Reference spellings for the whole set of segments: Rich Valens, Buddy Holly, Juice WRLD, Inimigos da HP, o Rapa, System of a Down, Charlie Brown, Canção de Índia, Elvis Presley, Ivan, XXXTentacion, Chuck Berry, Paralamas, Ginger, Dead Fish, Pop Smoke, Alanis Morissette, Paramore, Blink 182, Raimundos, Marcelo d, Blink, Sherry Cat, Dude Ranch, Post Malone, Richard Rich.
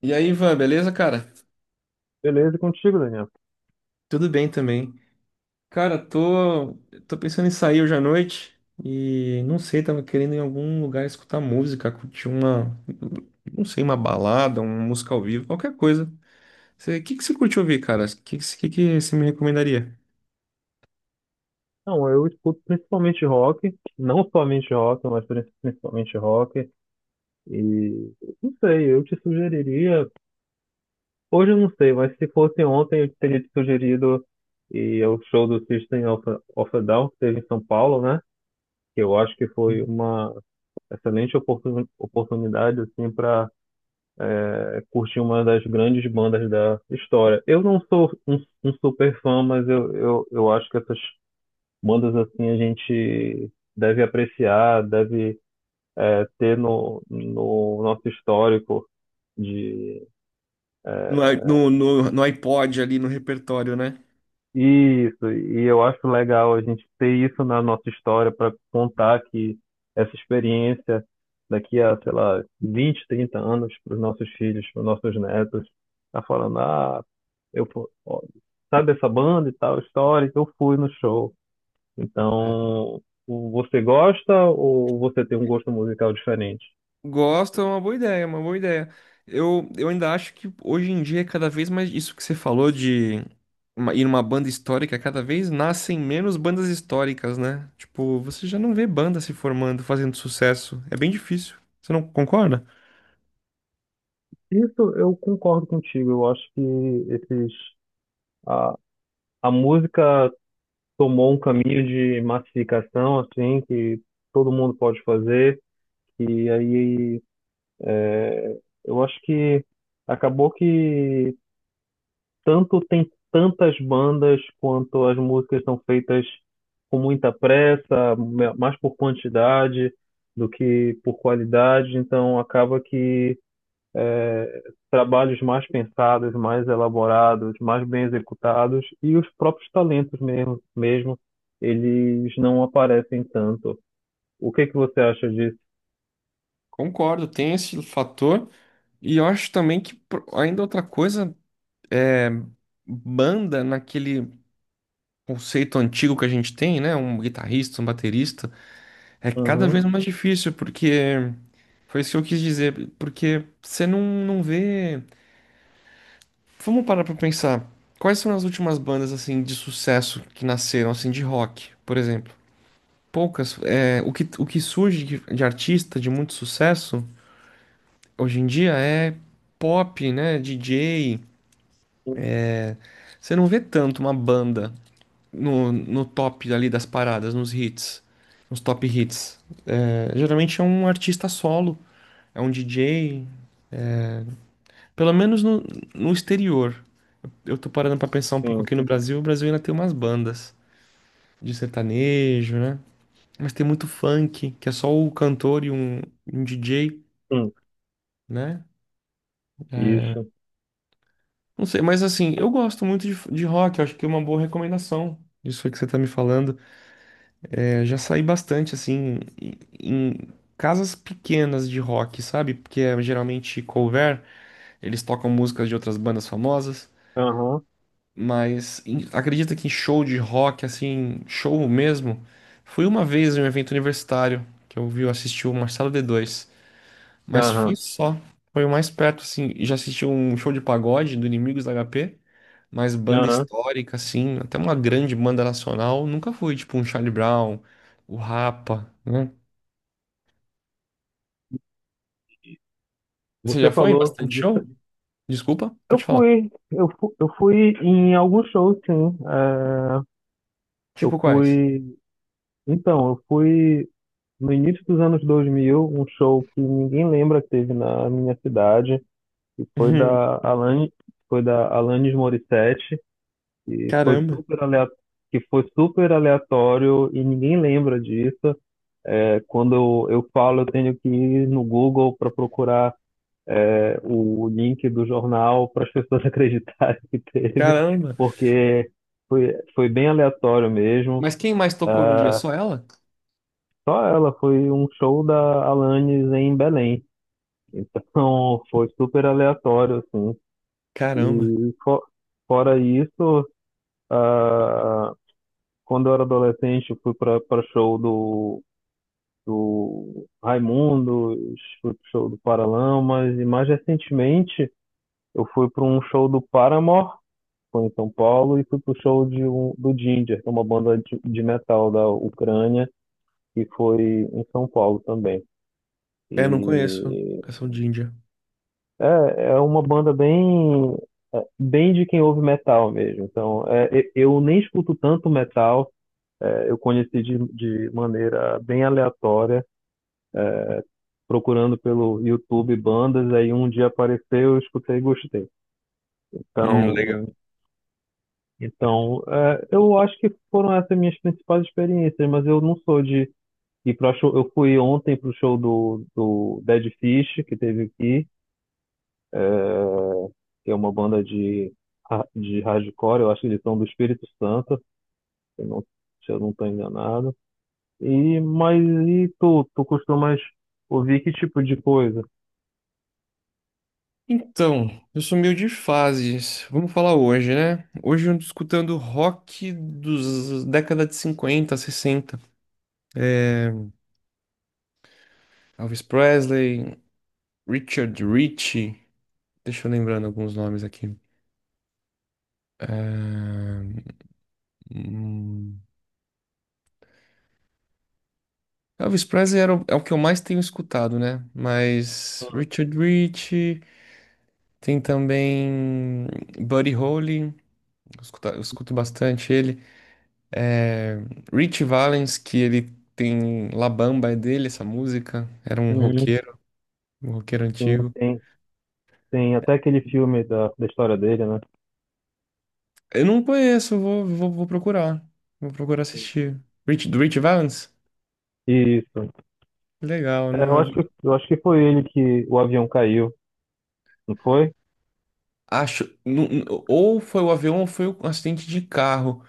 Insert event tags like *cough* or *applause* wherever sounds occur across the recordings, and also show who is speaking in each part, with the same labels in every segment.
Speaker 1: E aí, Ivan, beleza, cara?
Speaker 2: Beleza e contigo, Daniel?
Speaker 1: Tudo bem também. Cara, tô pensando em sair hoje à noite e não sei, tava querendo em algum lugar escutar música, curtir uma, não sei, uma balada, uma música ao vivo, qualquer coisa. O que que você curte ouvir, cara? O que você me recomendaria?
Speaker 2: Não, eu escuto principalmente rock, não somente rock, mas principalmente rock. E não sei, eu te sugeriria. Hoje eu não sei, mas se fosse ontem eu teria te sugerido e é o show do System of a Down, que teve em São Paulo, né? Que eu acho que foi uma excelente oportunidade assim para curtir uma das grandes bandas da história. Eu não sou um super fã, mas eu acho que essas bandas assim a gente deve apreciar, deve ter no nosso histórico de.
Speaker 1: No, i-
Speaker 2: é,
Speaker 1: no, no, no iPod ali, no repertório, né?
Speaker 2: isso. E eu acho legal a gente ter isso na nossa história para contar que essa experiência daqui a, sei lá, 20, 30 anos para os nossos filhos, para os nossos netos, tá falando, ah, eu, ó, sabe essa banda e tal, histórica, eu fui no show. Então, você gosta ou você tem um gosto musical diferente?
Speaker 1: Gosto, é uma boa ideia. Eu ainda acho que hoje em dia, é cada vez mais isso que você falou de ir numa banda histórica, cada vez nascem menos bandas históricas, né? Tipo, você já não vê banda se formando, fazendo sucesso. É bem difícil. Você não concorda?
Speaker 2: Isso eu concordo contigo. Eu acho que esses, a, a música tomou um caminho de massificação, assim, que todo mundo pode fazer. E aí, é, eu acho que acabou que tanto tem tantas bandas quanto as músicas são feitas com muita pressa, mais por quantidade do que por qualidade, então acaba que é, trabalhos mais pensados, mais elaborados, mais bem executados e os próprios talentos mesmo, mesmo eles não aparecem tanto. O que é que você acha disso?
Speaker 1: Concordo, tem esse fator. E eu acho também que ainda outra coisa, banda naquele conceito antigo que a gente tem, né? Um guitarrista, um baterista, é cada
Speaker 2: Uhum,
Speaker 1: vez mais difícil, porque. Foi isso que eu quis dizer, porque você não, não vê. Vamos parar pra pensar. Quais são as últimas bandas assim de sucesso que nasceram assim de rock, por exemplo? Poucas. É, o que surge de artista de muito sucesso hoje em dia é pop, né? DJ. Você não vê tanto uma banda no top ali das paradas, nos hits, nos top hits. É, geralmente é um artista solo, é um DJ, pelo menos no exterior. Eu tô parando pra pensar um pouco
Speaker 2: sim,
Speaker 1: aqui no Brasil. O Brasil ainda tem umas bandas de sertanejo, né? Mas tem muito funk, que é só o cantor e um DJ,
Speaker 2: sim,
Speaker 1: né? É,
Speaker 2: isso.
Speaker 1: não sei, mas assim, eu gosto muito de rock. Eu acho que é uma boa recomendação. Isso aí que você tá me falando. É, já saí bastante, assim, em casas pequenas de rock, sabe? Porque é geralmente cover, eles tocam músicas de outras bandas famosas.
Speaker 2: Aham,
Speaker 1: Mas acredita que em show de rock, assim, show mesmo, fui uma vez em um evento universitário que eu vi, eu assisti o Marcelo d dois, mas foi
Speaker 2: aham,
Speaker 1: só. Foi o mais perto, assim, já assisti um show de pagode do Inimigos da HP, mas banda
Speaker 2: aham.
Speaker 1: histórica, assim, até uma grande banda nacional, nunca fui, tipo um Charlie Brown, o Rapa, né? Você
Speaker 2: Você
Speaker 1: já foi em
Speaker 2: falou
Speaker 1: bastante
Speaker 2: de.
Speaker 1: show? Desculpa, pode falar.
Speaker 2: Eu fui em alguns shows, sim. É, eu
Speaker 1: Tipo quais?
Speaker 2: fui. Então, eu fui no início dos anos 2000, um show que ninguém lembra que teve na minha cidade, que
Speaker 1: *laughs*
Speaker 2: Foi da Alanis Morissette, e foi
Speaker 1: Caramba,
Speaker 2: super aleatório, que foi super aleatório e ninguém lembra disso. É, quando eu falo, eu tenho que ir no Google para procurar o link do jornal para as pessoas *laughs* acreditarem que teve,
Speaker 1: caramba.
Speaker 2: porque foi bem aleatório mesmo.
Speaker 1: Mas quem mais tocou no dia?
Speaker 2: Ah,
Speaker 1: Só ela?
Speaker 2: só ela foi um show da Alanis em Belém. Então *laughs* foi super aleatório, assim.
Speaker 1: Caramba.
Speaker 2: E fora isso, ah, quando eu era adolescente, eu fui para show do Raimundos, fui pro show do Paralamas, e mais recentemente eu fui para um show do Paramore, foi em São Paulo e fui pro show do Ginger, que é uma banda de metal da Ucrânia, e foi em São Paulo também.
Speaker 1: É, não conheço.
Speaker 2: E
Speaker 1: Canção de Índia.
Speaker 2: é, é uma banda bem bem de quem ouve metal mesmo. Então, eu nem escuto tanto metal, eu conheci de maneira bem aleatória, procurando pelo YouTube bandas, aí um dia apareceu, eu escutei e gostei. Então,
Speaker 1: Legal.
Speaker 2: eu acho que foram essas minhas principais experiências, mas eu não sou de. E pra show, eu fui ontem pro show do Dead Fish, que teve aqui, que é uma banda de hardcore, eu acho que eles são do Espírito Santo, se eu não, se eu não tô enganado. E, mas e tu costumas ouvir que tipo de coisa?
Speaker 1: Então, eu sou meio de fases. Vamos falar hoje, né? Hoje eu ando escutando rock dos décadas de 50, 60. É, Elvis Presley, Richard Rich. Deixa eu lembrando alguns nomes aqui. É, hum, Elvis Presley é o que eu mais tenho escutado, né? Mas Richard Rich, tem também Buddy Holly, eu escuto bastante ele. É, Rich Valens, que ele tem La Bamba, é dele essa música. Era
Speaker 2: Uhum.
Speaker 1: um roqueiro
Speaker 2: Sim,
Speaker 1: antigo.
Speaker 2: tem até aquele filme da história dele, né?
Speaker 1: Eu não conheço, vou procurar. Vou procurar assistir. Rich, do Rich Valens?
Speaker 2: Isso.
Speaker 1: Legal, não é-
Speaker 2: Eu acho que foi ele que o avião caiu, não foi?
Speaker 1: Acho. Ou foi o avião ou foi um acidente de carro.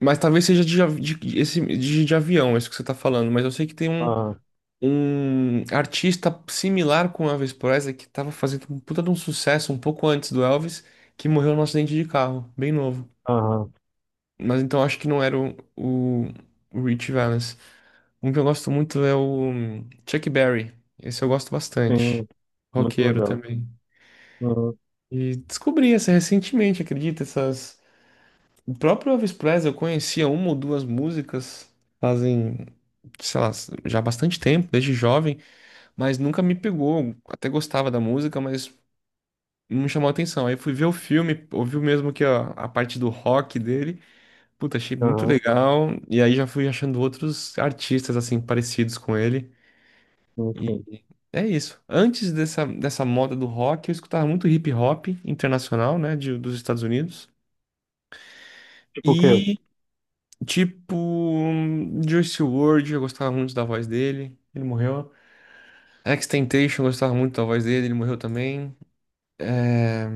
Speaker 1: Mas talvez seja de, av- de- esse, de avião, é isso que você tá falando. Mas eu sei que tem
Speaker 2: Ah,
Speaker 1: um artista similar com o Elvis Presley que tava fazendo um puta de um sucesso um pouco antes do Elvis, que morreu num acidente de carro, bem novo.
Speaker 2: aham,
Speaker 1: Mas então acho que não era o Rich Valens. Um que eu gosto muito é o Chuck Berry. Esse eu gosto bastante.
Speaker 2: sim, muito
Speaker 1: Roqueiro
Speaker 2: legal.
Speaker 1: também.
Speaker 2: Uhum,
Speaker 1: E descobri essa recentemente, acredita? Essas... O próprio Elvis Presley eu conhecia uma ou duas músicas fazem, sei lá, já bastante tempo, desde jovem, mas nunca me pegou. Até gostava da música, mas não me chamou a atenção. Aí fui ver o filme, ouvi mesmo que a parte do rock dele. Puta, achei muito
Speaker 2: aham,
Speaker 1: legal. E aí já fui achando outros artistas, assim, parecidos com ele.
Speaker 2: sim,
Speaker 1: E
Speaker 2: sim.
Speaker 1: é isso. Antes dessa moda do rock, eu escutava muito hip hop internacional, né, dos Estados Unidos.
Speaker 2: Porque eu
Speaker 1: E, tipo, Juice WRLD, eu gostava muito da voz dele. Ele morreu. XXXTentacion, eu gostava muito da voz dele. Ele morreu também. É,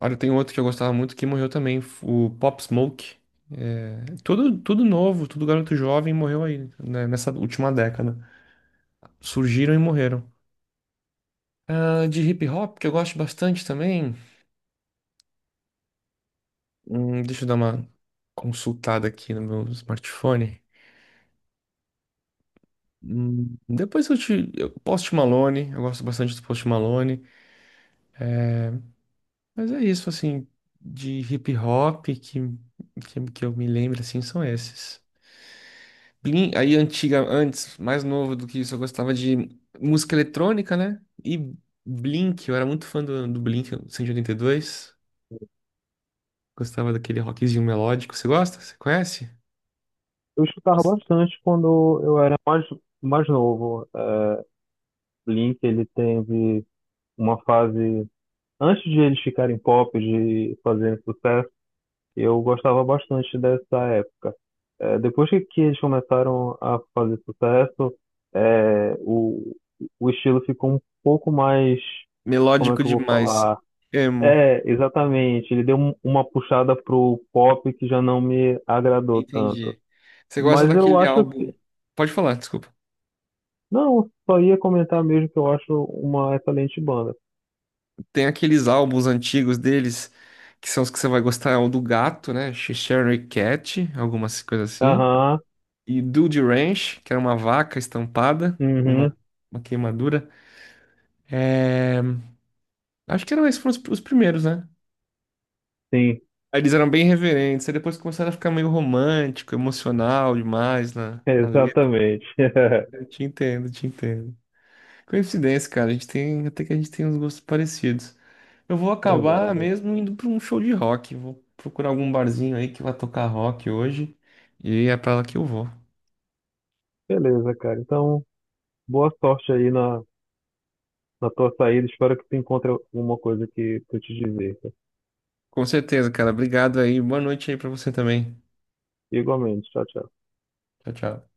Speaker 1: olha, tem outro que eu gostava muito que morreu também, o Pop Smoke. É, tudo, tudo novo, tudo garoto jovem morreu aí, né, nessa última década. Surgiram e morreram. Ah, de hip hop, que eu gosto bastante também. Hum, deixa eu dar uma consultada aqui no meu smartphone. Depois eu te. Eu, Post Malone, eu gosto bastante do Post Malone. Mas é isso, assim, de hip hop que eu me lembro, assim, são esses. Aí antiga, antes, mais novo do que isso, eu gostava de música eletrônica, né? E Blink, eu era muito fã do Blink 182. Gostava daquele rockzinho melódico. Você gosta? Você conhece?
Speaker 2: escutava
Speaker 1: Nossa.
Speaker 2: bastante quando eu era mais novo. É, Blink, ele teve uma fase, antes de eles ficarem pop, de fazerem sucesso, eu gostava bastante dessa época. É, depois que eles começaram a fazer sucesso, é, o, o estilo ficou um pouco mais, como é
Speaker 1: Melódico
Speaker 2: que eu vou
Speaker 1: demais.
Speaker 2: falar?
Speaker 1: Emo.
Speaker 2: É, exatamente. Ele deu uma puxada pro pop que já não me agradou tanto.
Speaker 1: Entendi. Você gosta
Speaker 2: Mas eu
Speaker 1: daquele
Speaker 2: acho
Speaker 1: álbum?
Speaker 2: que.
Speaker 1: Pode falar, desculpa.
Speaker 2: Não, só ia comentar mesmo que eu acho uma excelente banda.
Speaker 1: Tem aqueles álbuns antigos deles, que são os que você vai gostar, é o do gato, né? Sherry Cat, algumas coisas assim.
Speaker 2: Aham,
Speaker 1: E Dude Ranch, que era uma vaca estampada com
Speaker 2: uhum,
Speaker 1: uma queimadura. É, acho que eram esses foram os primeiros, né?
Speaker 2: sim,
Speaker 1: Aí eles eram bem reverentes, aí depois começaram a ficar meio romântico, emocional demais
Speaker 2: *laughs*
Speaker 1: na letra.
Speaker 2: exatamente. *laughs*
Speaker 1: Te entendo. Coincidência, cara, até que a gente tem uns gostos parecidos. Eu vou acabar
Speaker 2: Verdade.
Speaker 1: mesmo indo para um show de rock. Vou procurar algum barzinho aí que vai tocar rock hoje. E é pra lá que eu vou.
Speaker 2: Beleza, cara. Então, boa sorte aí na tua saída. Espero que tu encontre alguma coisa que eu te dizer.
Speaker 1: Com certeza, cara. Obrigado aí. Boa noite aí pra você também.
Speaker 2: Igualmente. Tchau, tchau.
Speaker 1: Tchau, tchau.